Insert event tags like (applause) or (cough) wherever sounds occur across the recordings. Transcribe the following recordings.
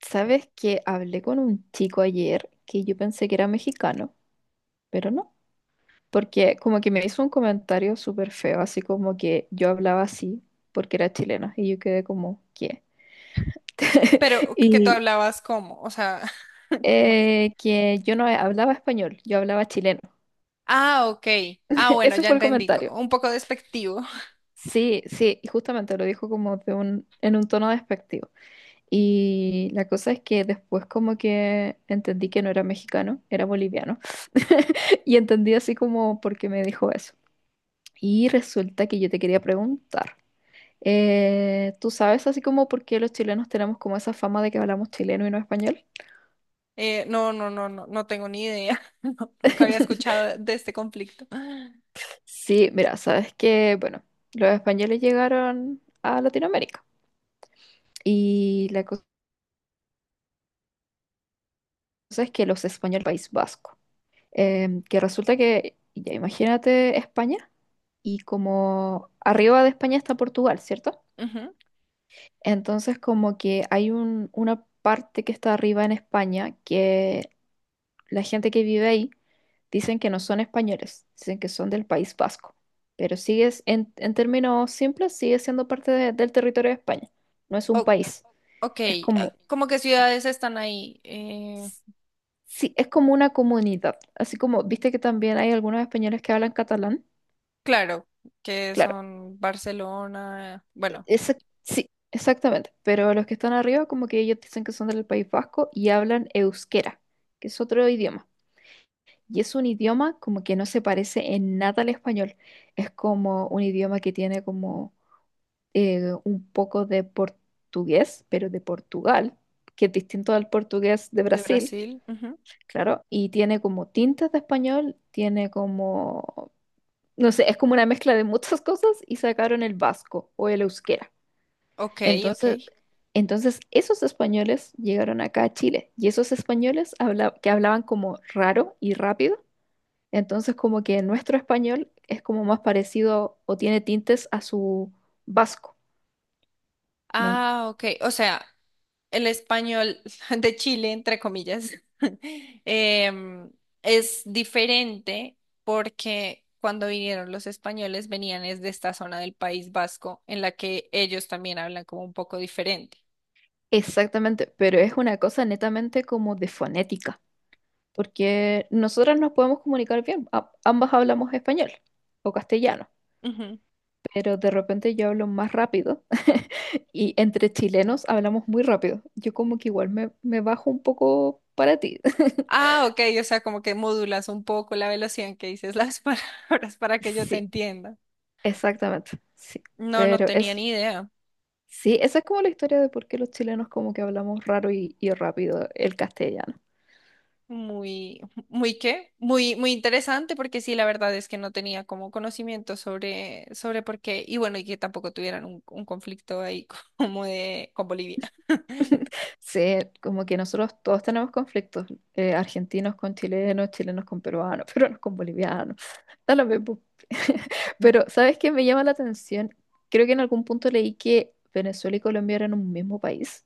¿Sabes que hablé con un chico ayer que yo pensé que era mexicano, pero no? Porque como que me hizo un comentario súper feo, así como que yo hablaba así porque era chilena y yo quedé como, ¿qué? (laughs) Pero que tú Y hablabas como, o sea, (laughs) ¿cómo es? Que yo no hablaba español, yo hablaba chileno. Ah, ok. Ah, (laughs) bueno, Ese ya fue el entendí. Comentario. Un poco despectivo. (laughs) Sí, sí, y justamente lo dijo como en un tono despectivo. Y la cosa es que después como que entendí que no era mexicano, era boliviano. (laughs) Y entendí así como por qué me dijo eso. Y resulta que yo te quería preguntar, ¿tú sabes así como por qué los chilenos tenemos como esa fama de que hablamos chileno y no español? No, no, no, no, no tengo ni idea. (laughs) No, nunca había (laughs) escuchado de este conflicto. (gasps) Sí, mira, sabes que, bueno, los españoles llegaron a Latinoamérica y la cosa es que los españoles, País Vasco, que resulta que, ya imagínate España, y como arriba de España está Portugal, ¿cierto? Ujú. Entonces como que hay una parte que está arriba en España, que la gente que vive ahí dicen que no son españoles, dicen que son del País Vasco, pero sigue, en términos simples, sigue siendo parte del territorio de España, no es un O- país, ok, es ah, como, ¿cómo que ciudades están ahí? Sí, es como una comunidad, así como, viste que también hay algunos españoles que hablan catalán, Claro, que claro. son Barcelona, Esa- sí, exactamente. Pero los que están arriba, como que ellos dicen que son del País Vasco y hablan euskera, que es otro idioma. Y es un idioma como que no se parece en nada al español. Es como un idioma que tiene como un poco de portugués, pero de Portugal, que es distinto al portugués de de Brasil, Brasil. Ujú. claro. Y tiene como tintas de español, tiene como, no sé, es como una mezcla de muchas (laughs) cosas y sacaron el vasco o el euskera. Ok, ok. Entonces, entonces esos españoles llegaron acá a Chile y esos españoles que hablaban como raro y rápido, entonces como que nuestro español es como más parecido o tiene tintes a su vasco. ¿me en- Ah, ok. O sea, el español (laughs) de Chile, entre comillas. (laughs) em, es diferente porque cuando vinieron los españoles venían desde esta zona del País Vasco, en la que ellos también hablan como un poco diferente. Exactamente, pero es una cosa netamente como de fonética, porque nosotras nos podemos comunicar bien, ambas hablamos español o castellano. Ujú. Pero de repente yo hablo más rápido (laughs) y entre chilenos hablamos muy rápido. Yo como que igual me bajo un poco para ti. (laughs) Ah, ok. O sea, como que modulas un poco la velocidad en que dices las (laughs) palabras para que yo te Sí, entienda. exactamente, sí. No, no Pero tenía es, ni idea. sí, esa es como la historia de por qué los chilenos como que hablamos raro y rápido el castellano. Muy, muy qué, muy, muy interesante, porque sí, la verdad es que no tenía como conocimiento sobre, sobre por qué, y bueno, y que tampoco tuvieran un conflicto ahí (laughs) como de con Bolivia. (laughs) (laughs) Sí, como que nosotros todos tenemos conflictos, argentinos con chilenos, chilenos con peruanos, (laughs) peruanos con bolivianos, da lo mismo. (laughs) Pero, ¿sabes qué me llama la atención? Creo que en algún punto leí que Venezuela y Colombia eran un mismo país.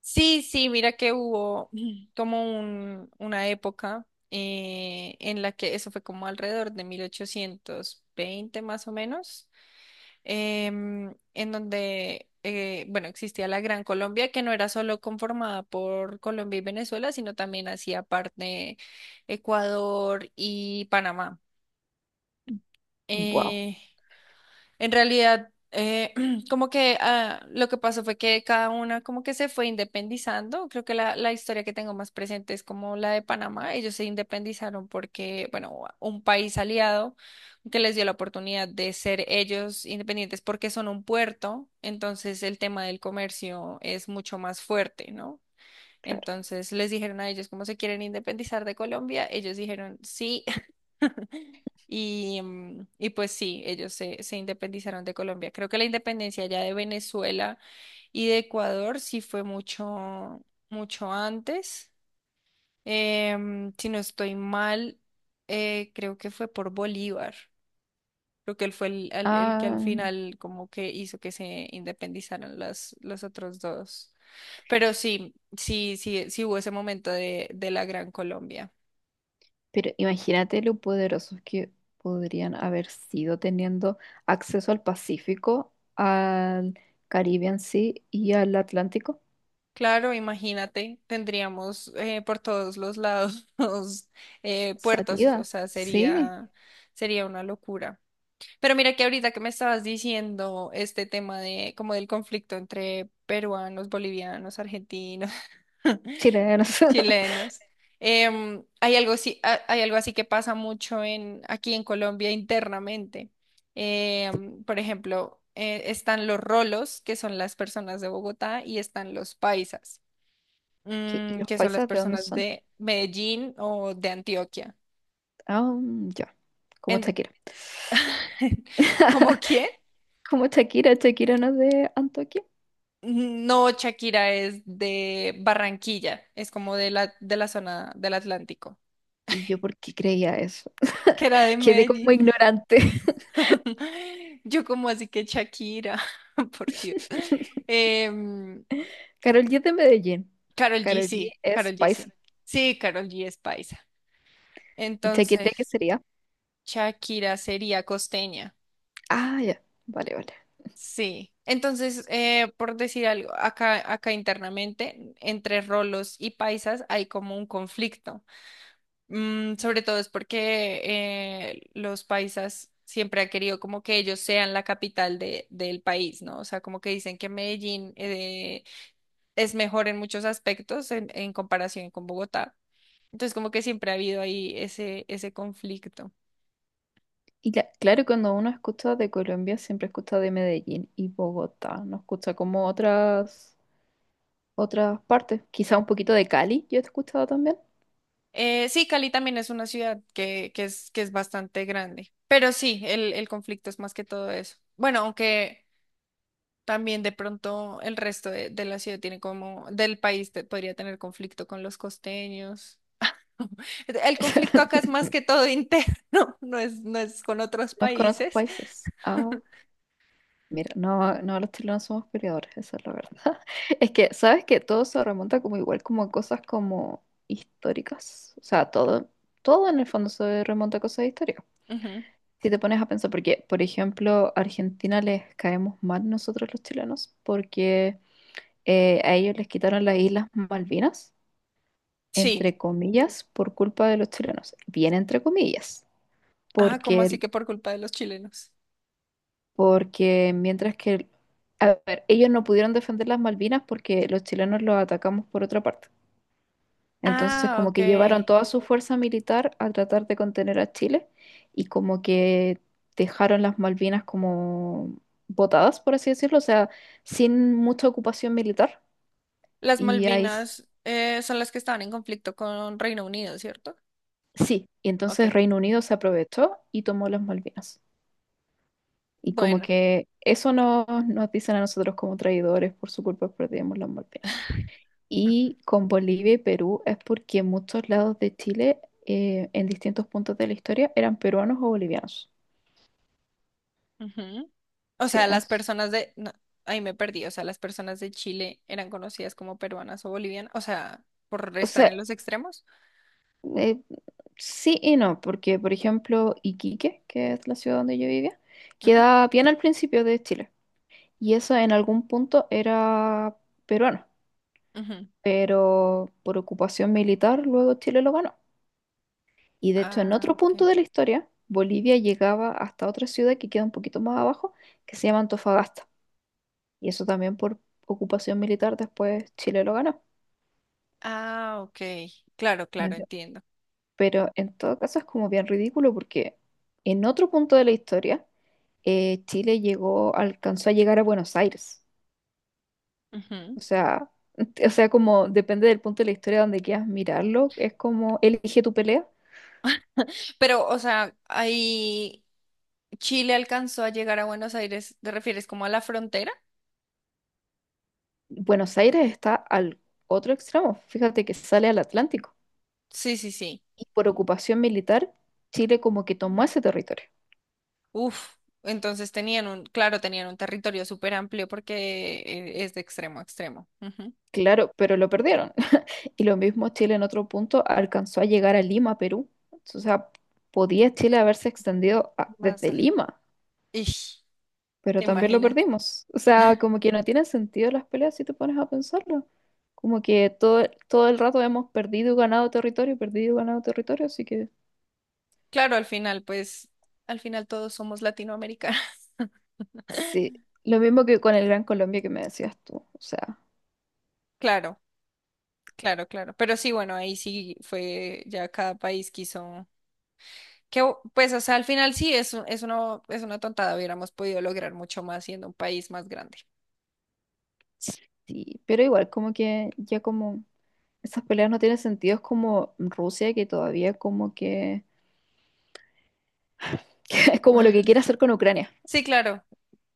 Sí, sí, mira que hubo como una época, en la que eso fue como alrededor de 1820 más o menos, en donde, bueno, existía la Gran Colombia, que no era solo conformada por Colombia y Venezuela, sino también hacía parte Ecuador y Panamá. Wow, Eh, en realidad, (clears throat) como que ah, lo que pasó fue que cada una como que se fue independizando. Creo que la historia que tengo más presente es como la de Panamá. Ellos se independizaron porque, bueno, un país aliado que les dio la oportunidad de ser ellos independientes porque son un puerto. Entonces el tema del comercio es mucho más fuerte, ¿no? claro. Entonces les dijeron a ellos cómo se quieren independizar de Colombia. Ellos dijeron sí. (laughs) Y, y pues sí, se independizaron de Colombia. Creo que la independencia ya de Venezuela y de Ecuador sí fue mucho, mucho antes. Si no estoy mal, creo que fue por Bolívar. Creo que él fue el que al Ah, final como que hizo que se independizaran los otros dos. Pero sí, sí, sí, sí hubo ese momento de la Gran Colombia. pero imagínate lo poderosos que podrían haber sido teniendo acceso al Pacífico, al Caribe en sí y al Atlántico. Claro, imagínate, tendríamos por todos los lados (laughs) los, puertos, o Salida, sea, sí, sería una locura. Pero mira que ahorita que me estabas diciendo este tema de como del conflicto entre peruanos, bolivianos, argentinos, (laughs) chilenos. (laughs) chilenos. Hay algo así, hay algo así que pasa mucho en, aquí en Colombia internamente. Por ejemplo, están los rolos, que son las personas de Bogotá, y están los paisas, ¿Qué- ¿Y los que son las paisas de dónde personas son? de Medellín o de Antioquia. Ah, mm, ya, como En, Shakira. (laughs) ¿cómo (laughs) quién? Como Shakira, Shakira no es de Antoquia. No, Shakira es de Barranquilla, es como de de la zona del Atlántico, ¿Y yo por qué creía eso? que era de (laughs) Quedé como Medellín. ignorante. (laughs) Yo como así que Shakira, (laughs) por Dios. (laughs) Em, Karol G es de Medellín. Karol G, Karol G sí, es Karol G, paisa. sí. Sí, Karol G es paisa. ¿Y Shakira qué Entonces, sería? Shakira sería costeña. Ah, ya, vale, vale. Sí, entonces, por decir algo, acá, acá internamente, entre rolos y paisas hay como un conflicto. Sobre todo es porque los paisas siempre han querido como que ellos sean la capital de, del país, ¿no? O sea, como que dicen que Medellín es mejor en muchos aspectos en comparación con Bogotá. Entonces, como que siempre ha habido ahí ese, ese conflicto. Claro, cuando uno escucha de Colombia, siempre escucha de Medellín y Bogotá. No escucha como otras, otras partes. Quizá un poquito de Cali, yo he escuchado también. Sí, Cali también es una ciudad que es bastante grande, pero sí, el conflicto es más que todo eso. Bueno, aunque también de pronto el resto de la ciudad tiene como, del país podría tener conflicto con los costeños. (laughs) El conflicto acá es (laughs) más que todo interno, (laughs) no es, no es con otros No es con otros países. países. Ah. Mira, no, no, los chilenos somos peleadores, esa es la verdad. (laughs) Es que, ¿sabes que todo se remonta como igual, como a cosas como históricas? O sea, todo, todo en el fondo se remonta a cosas históricas. Ujú. Si te pones a pensar, porque, por ejemplo, a Argentina les caemos mal nosotros los chilenos, porque a ellos les quitaron las Islas Malvinas, Sí. entre comillas, por culpa de los chilenos. Bien entre comillas, Ah, ¿cómo así porque que por culpa de los chilenos? porque mientras que, a ver, ellos no pudieron defender las Malvinas porque los chilenos los atacamos por otra parte. Entonces, Ah, como que llevaron ok. toda su fuerza militar a tratar de contener a Chile y como que dejaron las Malvinas como botadas, por así decirlo, o sea, sin mucha ocupación militar. Las Y ahí s- Malvinas, son las que estaban en conflicto con Reino Unido, ¿cierto? sí, y Ok. entonces Reino Unido se aprovechó y tomó las Malvinas. Y como Bueno. que eso nos dicen a nosotros como traidores, por su culpa perdimos las Malvinas. Y con Bolivia y Perú es porque muchos lados de Chile, en distintos puntos de la historia, eran peruanos o bolivianos. Ujú. O Sí, sea, las entonces, personas de... no, ahí me perdí. O sea, las personas de Chile eran conocidas como peruanas o bolivianas. O sea, por o estar en sea, los extremos. eh, sí y no, porque por ejemplo, Iquique, que es la ciudad donde yo vivía, Ujú, queda bien al principio de Chile. Y eso en algún punto era peruano, ujú. pero por ocupación militar luego Chile lo ganó. Y de hecho, en Ah, otro punto ok. de la historia, Bolivia llegaba hasta otra ciudad que queda un poquito más abajo, que se llama Antofagasta. Y eso también por ocupación militar después Chile lo ganó. Ah, ok. Claro, ¿Me claro, entiendes? entiendo. Pero en todo caso es como bien ridículo porque en otro punto de la historia Chile llegó, alcanzó a llegar a Buenos Aires. Ujú. O sea, (laughs) o sea, como depende del punto de la historia donde quieras mirarlo, es como elige tu pelea. Pero, o sea, ahí Chile alcanzó a llegar a Buenos Aires. ¿Te refieres como a la frontera? Buenos Aires está al otro extremo, fíjate que sale al Atlántico. Sí, sí, sí. Y por ocupación militar, Chile como que tomó ese territorio. Uf. Entonces tenían un, claro, tenían un territorio súper amplio porque es de extremo a extremo. Ujú. Claro, pero lo perdieron. Y lo mismo Chile en otro punto alcanzó a llegar a Lima, Perú. O sea, podía Chile haberse extendido Más. desde Lima, Ish, pero ¿te también lo imaginas? perdimos. O sea, como que no tienen sentido las peleas si te pones a pensarlo. Como que todo, todo el rato hemos perdido y ganado territorio, perdido y ganado territorio, así que Claro, al final, pues, al final todos somos latinoamericanos. sí. (laughs) Lo mismo que con el Gran Colombia que me decías tú. O sea, Claro, claro, claro. Pero sí, bueno, ahí sí fue ya cada país quiso. O sea, al final sí es una tontada. Hubiéramos podido lograr mucho más siendo un país más grande. sí. Pero igual, como que ya como esas peleas no tienen sentido. Es como Rusia que todavía como que (laughs) es como lo que (laughs) quiere hacer con Ucrania. Sí, claro,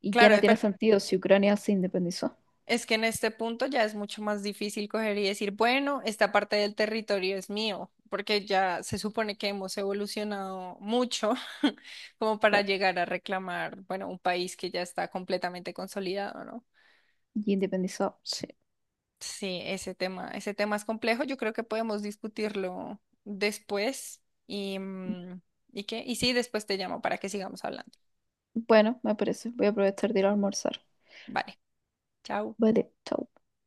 Y ya claro. no tiene sentido si Ucrania se independizó. Es que en este punto ya es mucho más difícil coger y decir, bueno, esta parte del territorio es mío, porque ya se supone que hemos evolucionado mucho (laughs) como para Claro. llegar a reclamar, bueno, un país que ya está completamente consolidado, ¿no? Y independizó, sí. Sí, ese tema es complejo. Yo creo que podemos discutirlo después y, ¿y qué? Y sí, después te llamo para que sigamos hablando. Bueno, me parece. Voy a aprovechar de ir a almorzar. Vale, chao. Vale, chao.